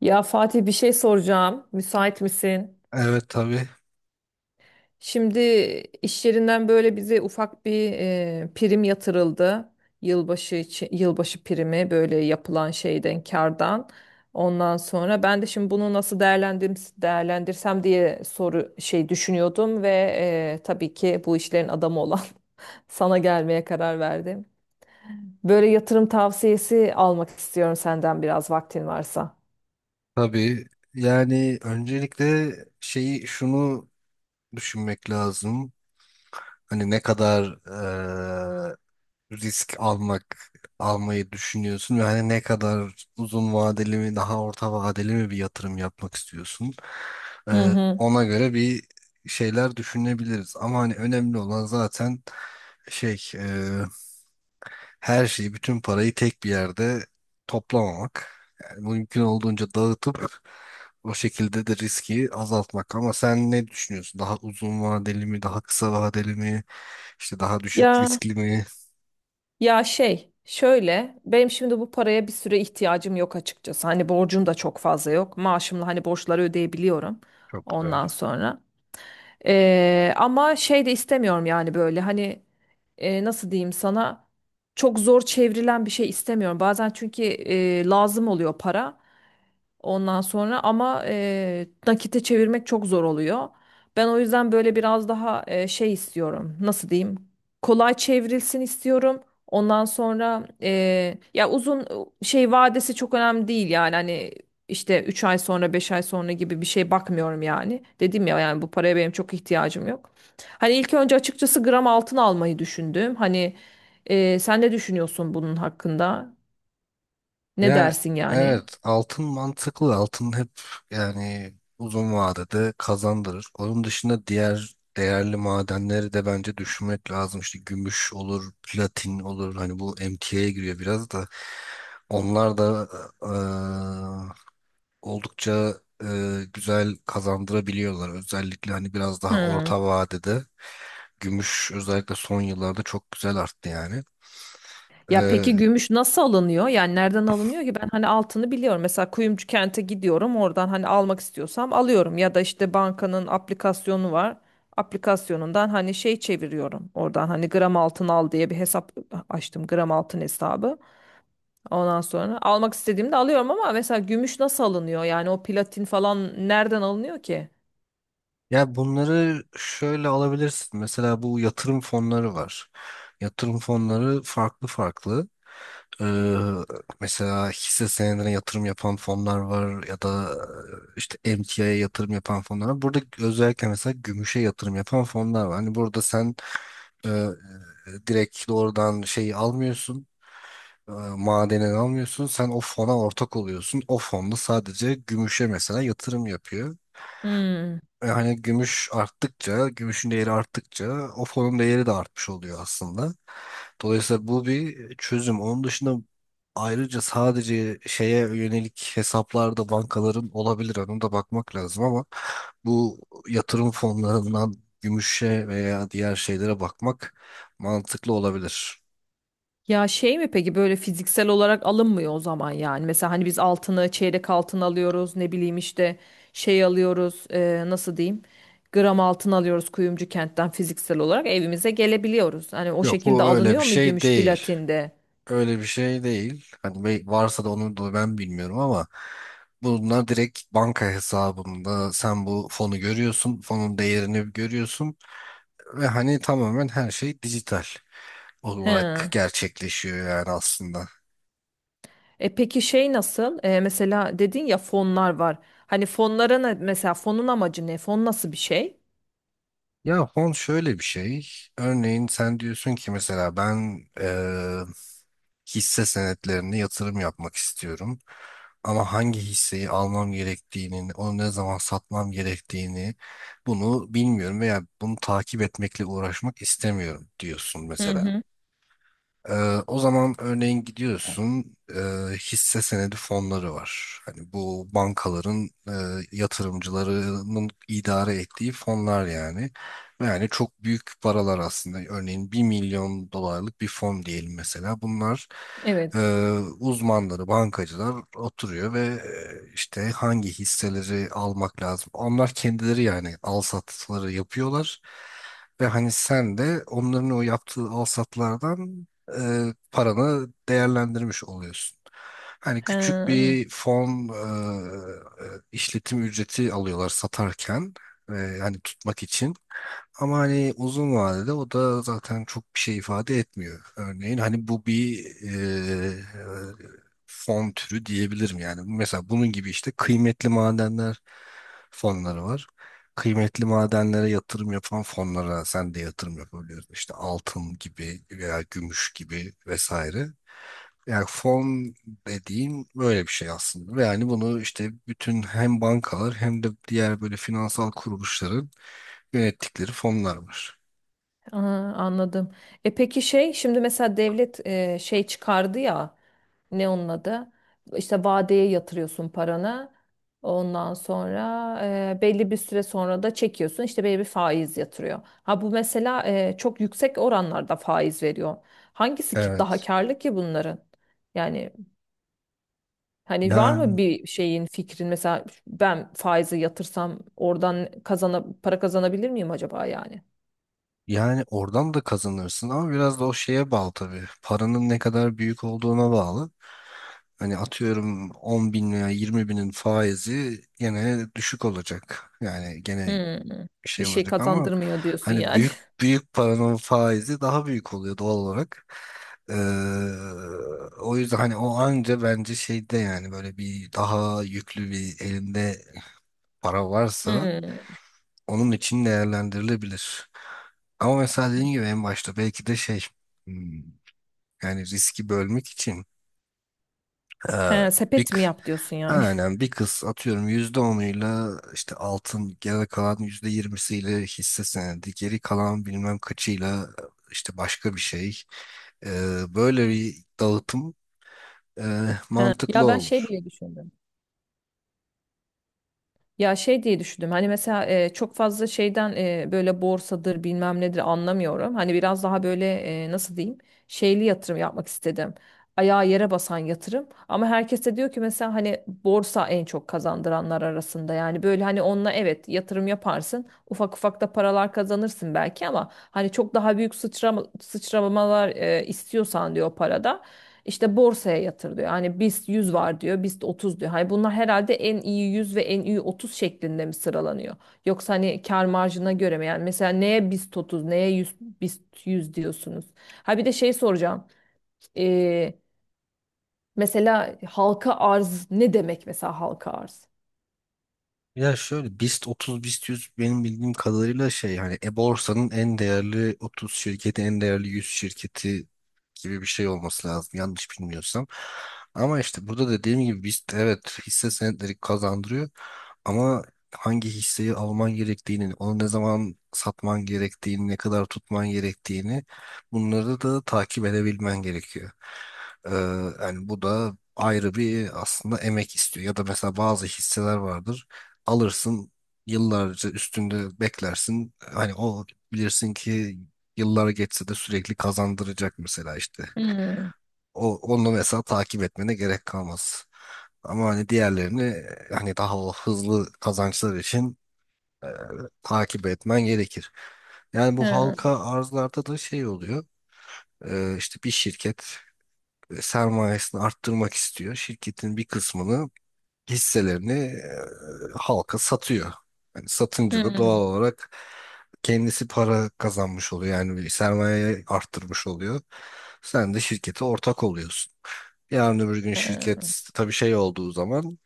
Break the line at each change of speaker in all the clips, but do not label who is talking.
Ya Fatih bir şey soracağım. Müsait misin?
Evet, tabii.
Şimdi iş yerinden böyle bize ufak bir prim yatırıldı. Yılbaşı için, yılbaşı primi böyle yapılan şeyden kardan. Ondan sonra ben de şimdi bunu nasıl değerlendirim, değerlendirsem diye soru şey düşünüyordum ve tabii ki bu işlerin adamı olan sana gelmeye karar verdim. Böyle yatırım tavsiyesi almak istiyorum senden biraz vaktin varsa.
Tabii. Yani öncelikle şunu düşünmek lazım. Hani ne kadar risk almayı düşünüyorsun ve hani ne kadar uzun vadeli mi daha orta vadeli mi bir yatırım yapmak istiyorsun.
Hı hı.
Ona göre bir şeyler düşünebiliriz. Ama hani önemli olan zaten şey her şeyi, bütün parayı tek bir yerde toplamamak. Yani mümkün olduğunca dağıtıp o şekilde de riski azaltmak. Ama sen ne düşünüyorsun? Daha uzun vadeli mi, daha kısa vadeli mi, işte daha düşük
Ya
riskli mi?
ya şey şöyle benim şimdi bu paraya bir süre ihtiyacım yok açıkçası. Hani borcum da çok fazla yok. Maaşımla hani borçları ödeyebiliyorum
Çok güzel.
ondan sonra. Ama şey de istemiyorum yani böyle hani nasıl diyeyim sana çok zor çevrilen bir şey istemiyorum. Bazen çünkü lazım oluyor para. Ondan sonra ama nakite çevirmek çok zor oluyor. Ben o yüzden böyle biraz daha şey istiyorum. Nasıl diyeyim? Kolay çevrilsin istiyorum. Ondan sonra ya uzun şey vadesi çok önemli değil yani hani işte 3 ay sonra 5 ay sonra gibi bir şey bakmıyorum yani. Dedim ya yani bu paraya benim çok ihtiyacım yok. Hani ilk önce açıkçası gram altın almayı düşündüm. Hani sen ne düşünüyorsun bunun hakkında? Ne
Ya
dersin yani?
evet, altın mantıklı, altın hep yani uzun vadede kazandırır. Onun dışında diğer değerli madenleri de bence düşünmek lazım. İşte gümüş olur, platin olur. Hani bu MTA'ya giriyor biraz da. Onlar da eee, oldukça güzel kazandırabiliyorlar. Özellikle hani biraz daha
Hmm.
orta vadede gümüş özellikle son yıllarda çok güzel arttı yani.
Ya
E,
peki gümüş nasıl alınıyor? Yani nereden alınıyor ki? Ben hani altını biliyorum. Mesela kuyumcu kente gidiyorum. Oradan hani almak istiyorsam alıyorum. Ya da işte bankanın aplikasyonu var. Aplikasyonundan hani şey çeviriyorum. Oradan hani gram altın al diye bir hesap açtım. Gram altın hesabı. Ondan sonra almak istediğimde alıyorum ama mesela gümüş nasıl alınıyor? Yani o platin falan nereden alınıyor ki?
Ya bunları şöyle alabilirsin. Mesela bu yatırım fonları var. Yatırım fonları farklı farklı. Ee, Mesela hisse senedine yatırım yapan fonlar var ya da işte emtiaya yatırım yapan fonlar var. Burada özellikle mesela gümüşe yatırım yapan fonlar var. Hani burada sen e, direkt doğrudan şeyi almıyorsun. e, Madeni almıyorsun. Sen o fona ortak oluyorsun. O fonda sadece gümüşe mesela yatırım yapıyor.
Hmm.
Yani gümüş arttıkça, gümüşün değeri arttıkça o fonun değeri de artmış oluyor aslında. Dolayısıyla bu bir çözüm. Onun dışında ayrıca sadece şeye yönelik hesaplarda bankaların olabilir. Ona da bakmak lazım ama bu yatırım fonlarından gümüşe veya diğer şeylere bakmak mantıklı olabilir.
Ya şey mi peki böyle fiziksel olarak alınmıyor o zaman yani. Mesela hani biz altını çeyrek altın alıyoruz ne bileyim işte şey alıyoruz nasıl diyeyim gram altın alıyoruz kuyumcu kentten fiziksel olarak evimize gelebiliyoruz. Hani o
Yok,
şekilde
bu öyle bir
alınıyor mu
şey
gümüş
değil.
platinde?
Öyle bir şey değil. Hani varsa da onu da ben bilmiyorum, ama bunlar direkt banka hesabında sen bu fonu görüyorsun, fonun değerini görüyorsun ve hani tamamen her şey dijital olarak
He.
gerçekleşiyor yani aslında.
E peki şey nasıl? E, mesela dedin ya fonlar var. Hani fonlara ne, mesela fonun amacı ne? Fon nasıl bir şey?
Ya fon şöyle bir şey. Örneğin sen diyorsun ki mesela ben hisse senetlerine yatırım yapmak istiyorum. Ama hangi hisseyi almam gerektiğini, onu ne zaman satmam gerektiğini bunu bilmiyorum veya bunu takip etmekle uğraşmak istemiyorum diyorsun
Hı
mesela.
hı.
Ee, O zaman örneğin gidiyorsun, hisse senedi fonları var. Hani bu bankaların yatırımcılarının idare ettiği fonlar yani. Ve yani çok büyük paralar aslında. Örneğin 1 milyon dolarlık bir fon diyelim mesela. Bunlar e,
Evet.
uzmanları, bankacılar oturuyor ve işte hangi hisseleri almak lazım. Onlar kendileri yani al satları yapıyorlar. Ve hani sen de onların o yaptığı al satlardan paranı değerlendirmiş oluyorsun. Hani küçük
He.
bir fon e, işletim ücreti alıyorlar satarken, e, hani tutmak için. Ama hani uzun vadede o da zaten çok bir şey ifade etmiyor. Örneğin hani bu bir e, fon türü diyebilirim yani. Mesela bunun gibi işte kıymetli madenler fonları var. Kıymetli madenlere yatırım yapan fonlara sen de yatırım yapabiliyorsun. İşte altın gibi veya gümüş gibi vesaire. Yani fon dediğim böyle bir şey aslında. Ve yani bunu işte bütün hem bankalar hem de diğer böyle finansal kuruluşların yönettikleri fonlar var.
Aa, anladım. E peki şey şimdi mesela devlet şey çıkardı ya ne onun adı? İşte vadeye yatırıyorsun paranı. Ondan sonra belli bir süre sonra da çekiyorsun işte belli bir faiz yatırıyor. Ha bu mesela çok yüksek oranlarda faiz veriyor. Hangisi ki daha
Evet.
karlı ki bunların? Yani hani var mı
Yani
bir şeyin fikrin mesela ben faizi yatırsam oradan para kazanabilir miyim acaba yani?
yani oradan da kazanırsın ama biraz da o şeye bağlı tabii. Paranın ne kadar büyük olduğuna bağlı. Hani atıyorum 10 bin veya 20 binin faizi gene düşük olacak. Yani gene
Hmm. Bir
şey
şey
olacak ama
kazandırmıyor diyorsun
hani
yani.
büyük büyük paranın faizi daha büyük oluyor doğal olarak. Ee, O yüzden hani o anca bence şeyde yani böyle bir daha yüklü bir elinde para varsa
Hmm.
onun için değerlendirilebilir. Ama mesela dediğim gibi en başta belki de şey hmm, yani riski bölmek için, e,
He,
bir
sepet
k-
mi yap diyorsun yani?
aynen bir kız atıyorum %10'uyla işte altın, geri kalan %20'siyle hisse senedi, geri kalan bilmem kaçıyla işte başka bir şey. E, Böyle bir dağıtım e, mantıklı
Ya ben şey
olur.
diye düşündüm. Ya şey diye düşündüm hani mesela çok fazla şeyden böyle borsadır bilmem nedir anlamıyorum. Hani biraz daha böyle nasıl diyeyim şeyli yatırım yapmak istedim. Ayağı yere basan yatırım. Ama herkes de diyor ki mesela hani borsa en çok kazandıranlar arasında. Yani böyle hani onunla evet yatırım yaparsın ufak ufak da paralar kazanırsın belki ama hani çok daha büyük sıçramalar istiyorsan diyor parada. İşte borsaya yatır diyor. Hani BIST 100 var diyor, BIST 30 diyor. Hani bunlar herhalde en iyi 100 ve en iyi 30 şeklinde mi sıralanıyor? Yoksa hani kar marjına göre mi? Yani mesela neye BIST 30, neye BIST 100 diyorsunuz? Ha bir de şey soracağım. Ee, mesela halka arz ne demek mesela halka arz?
Ya şöyle BIST 30, BIST 100 benim bildiğim kadarıyla şey hani e-borsanın en değerli 30 şirketi, en değerli 100 şirketi gibi bir şey olması lazım, yanlış bilmiyorsam. Ama işte burada dediğim gibi BIST, evet hisse senetleri kazandırıyor. Ama hangi hisseyi alman gerektiğini, onu ne zaman satman gerektiğini, ne kadar tutman gerektiğini bunları da takip edebilmen gerekiyor. Ee, Yani bu da ayrı bir aslında emek istiyor. Ya da mesela bazı hisseler vardır. Alırsın, yıllarca üstünde beklersin. Hani o bilirsin ki yıllar geçse de sürekli kazandıracak mesela işte.
Hmm,
Onu mesela takip etmene gerek kalmaz. Ama hani diğerlerini hani daha o hızlı kazançlar için e, takip etmen gerekir. Yani bu
hı,
halka arzlarda da şey oluyor. İşte bir şirket sermayesini arttırmak istiyor. Şirketin bir kısmını, hisselerini halka satıyor. Yani satınca da
hı,
doğal olarak kendisi para kazanmış oluyor. Yani bir sermayeyi arttırmış oluyor. Sen de şirkete ortak oluyorsun. Yarın öbür gün
hı,
şirket tabii şey olduğu zaman,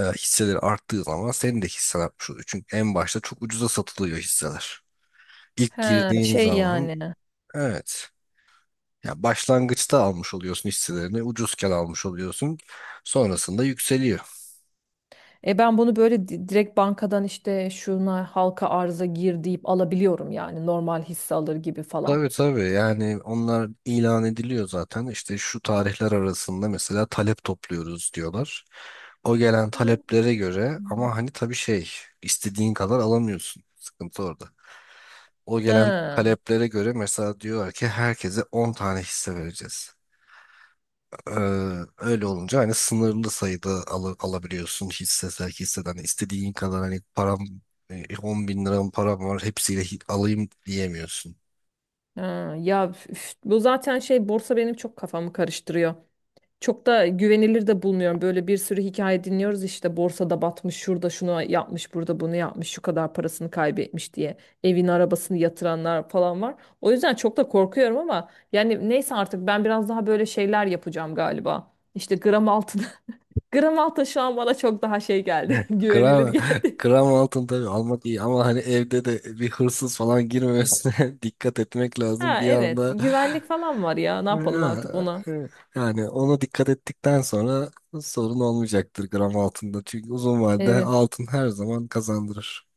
hisseleri arttığı zaman senin de hissen artmış oluyor. Çünkü en başta çok ucuza satılıyor hisseler. İlk
hı.
girdiğin
Şey
zaman,
yani.
evet. Ya başlangıçta almış oluyorsun hisselerini, ucuzken almış oluyorsun. Sonrasında yükseliyor.
E ben bunu böyle direkt bankadan işte şuna halka arza gir deyip alabiliyorum yani normal hisse alır gibi falan.
Tabii, tabii, yani onlar ilan ediliyor zaten. İşte şu tarihler arasında mesela talep topluyoruz diyorlar. O gelen
Ha.
taleplere göre, ama hani tabii şey istediğin kadar alamıyorsun. Sıkıntı orada. O gelen
Ha,
taleplere göre mesela diyorlar ki herkese 10 tane hisse vereceğiz. Ee, Öyle olunca hani sınırlı sayıda alabiliyorsun hisse sevk hisseden. İstediğin kadar hani param 10 bin liram param var hepsiyle alayım diyemiyorsun.
ha. Ya üf, bu zaten şey borsa benim çok kafamı karıştırıyor. Çok da güvenilir de bulmuyorum. Böyle bir sürü hikaye dinliyoruz işte borsada batmış, şurada şunu yapmış, burada bunu yapmış, şu kadar parasını kaybetmiş diye evin arabasını yatıranlar falan var. O yüzden çok da korkuyorum ama yani neyse artık ben biraz daha böyle şeyler yapacağım galiba. İşte gram altın. Gram altın şu an bana çok daha şey geldi. Güvenilir
Gram,
geldi.
gram altın tabii almak iyi ama hani evde de bir hırsız falan girmemesine dikkat etmek lazım.
Ha
Bir
evet,
anda.
güvenlik falan var ya. Ne
Ha,
yapalım artık ona?
yani ona dikkat ettikten sonra sorun olmayacaktır gram altında. Çünkü uzun vadede
Evet.
altın her zaman kazandırır.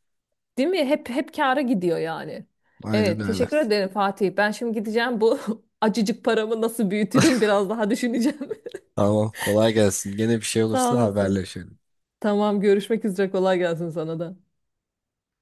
Değil mi? Hep hep kâra gidiyor yani.
Aynen
Evet,
öyle.
teşekkür ederim Fatih. Ben şimdi gideceğim bu acıcık paramı nasıl büyütürüm biraz daha düşüneceğim.
Tamam, kolay gelsin. Gene bir şey
Sağ
olursa
olasın.
haberleşelim.
Tamam, görüşmek üzere. Kolay gelsin sana da.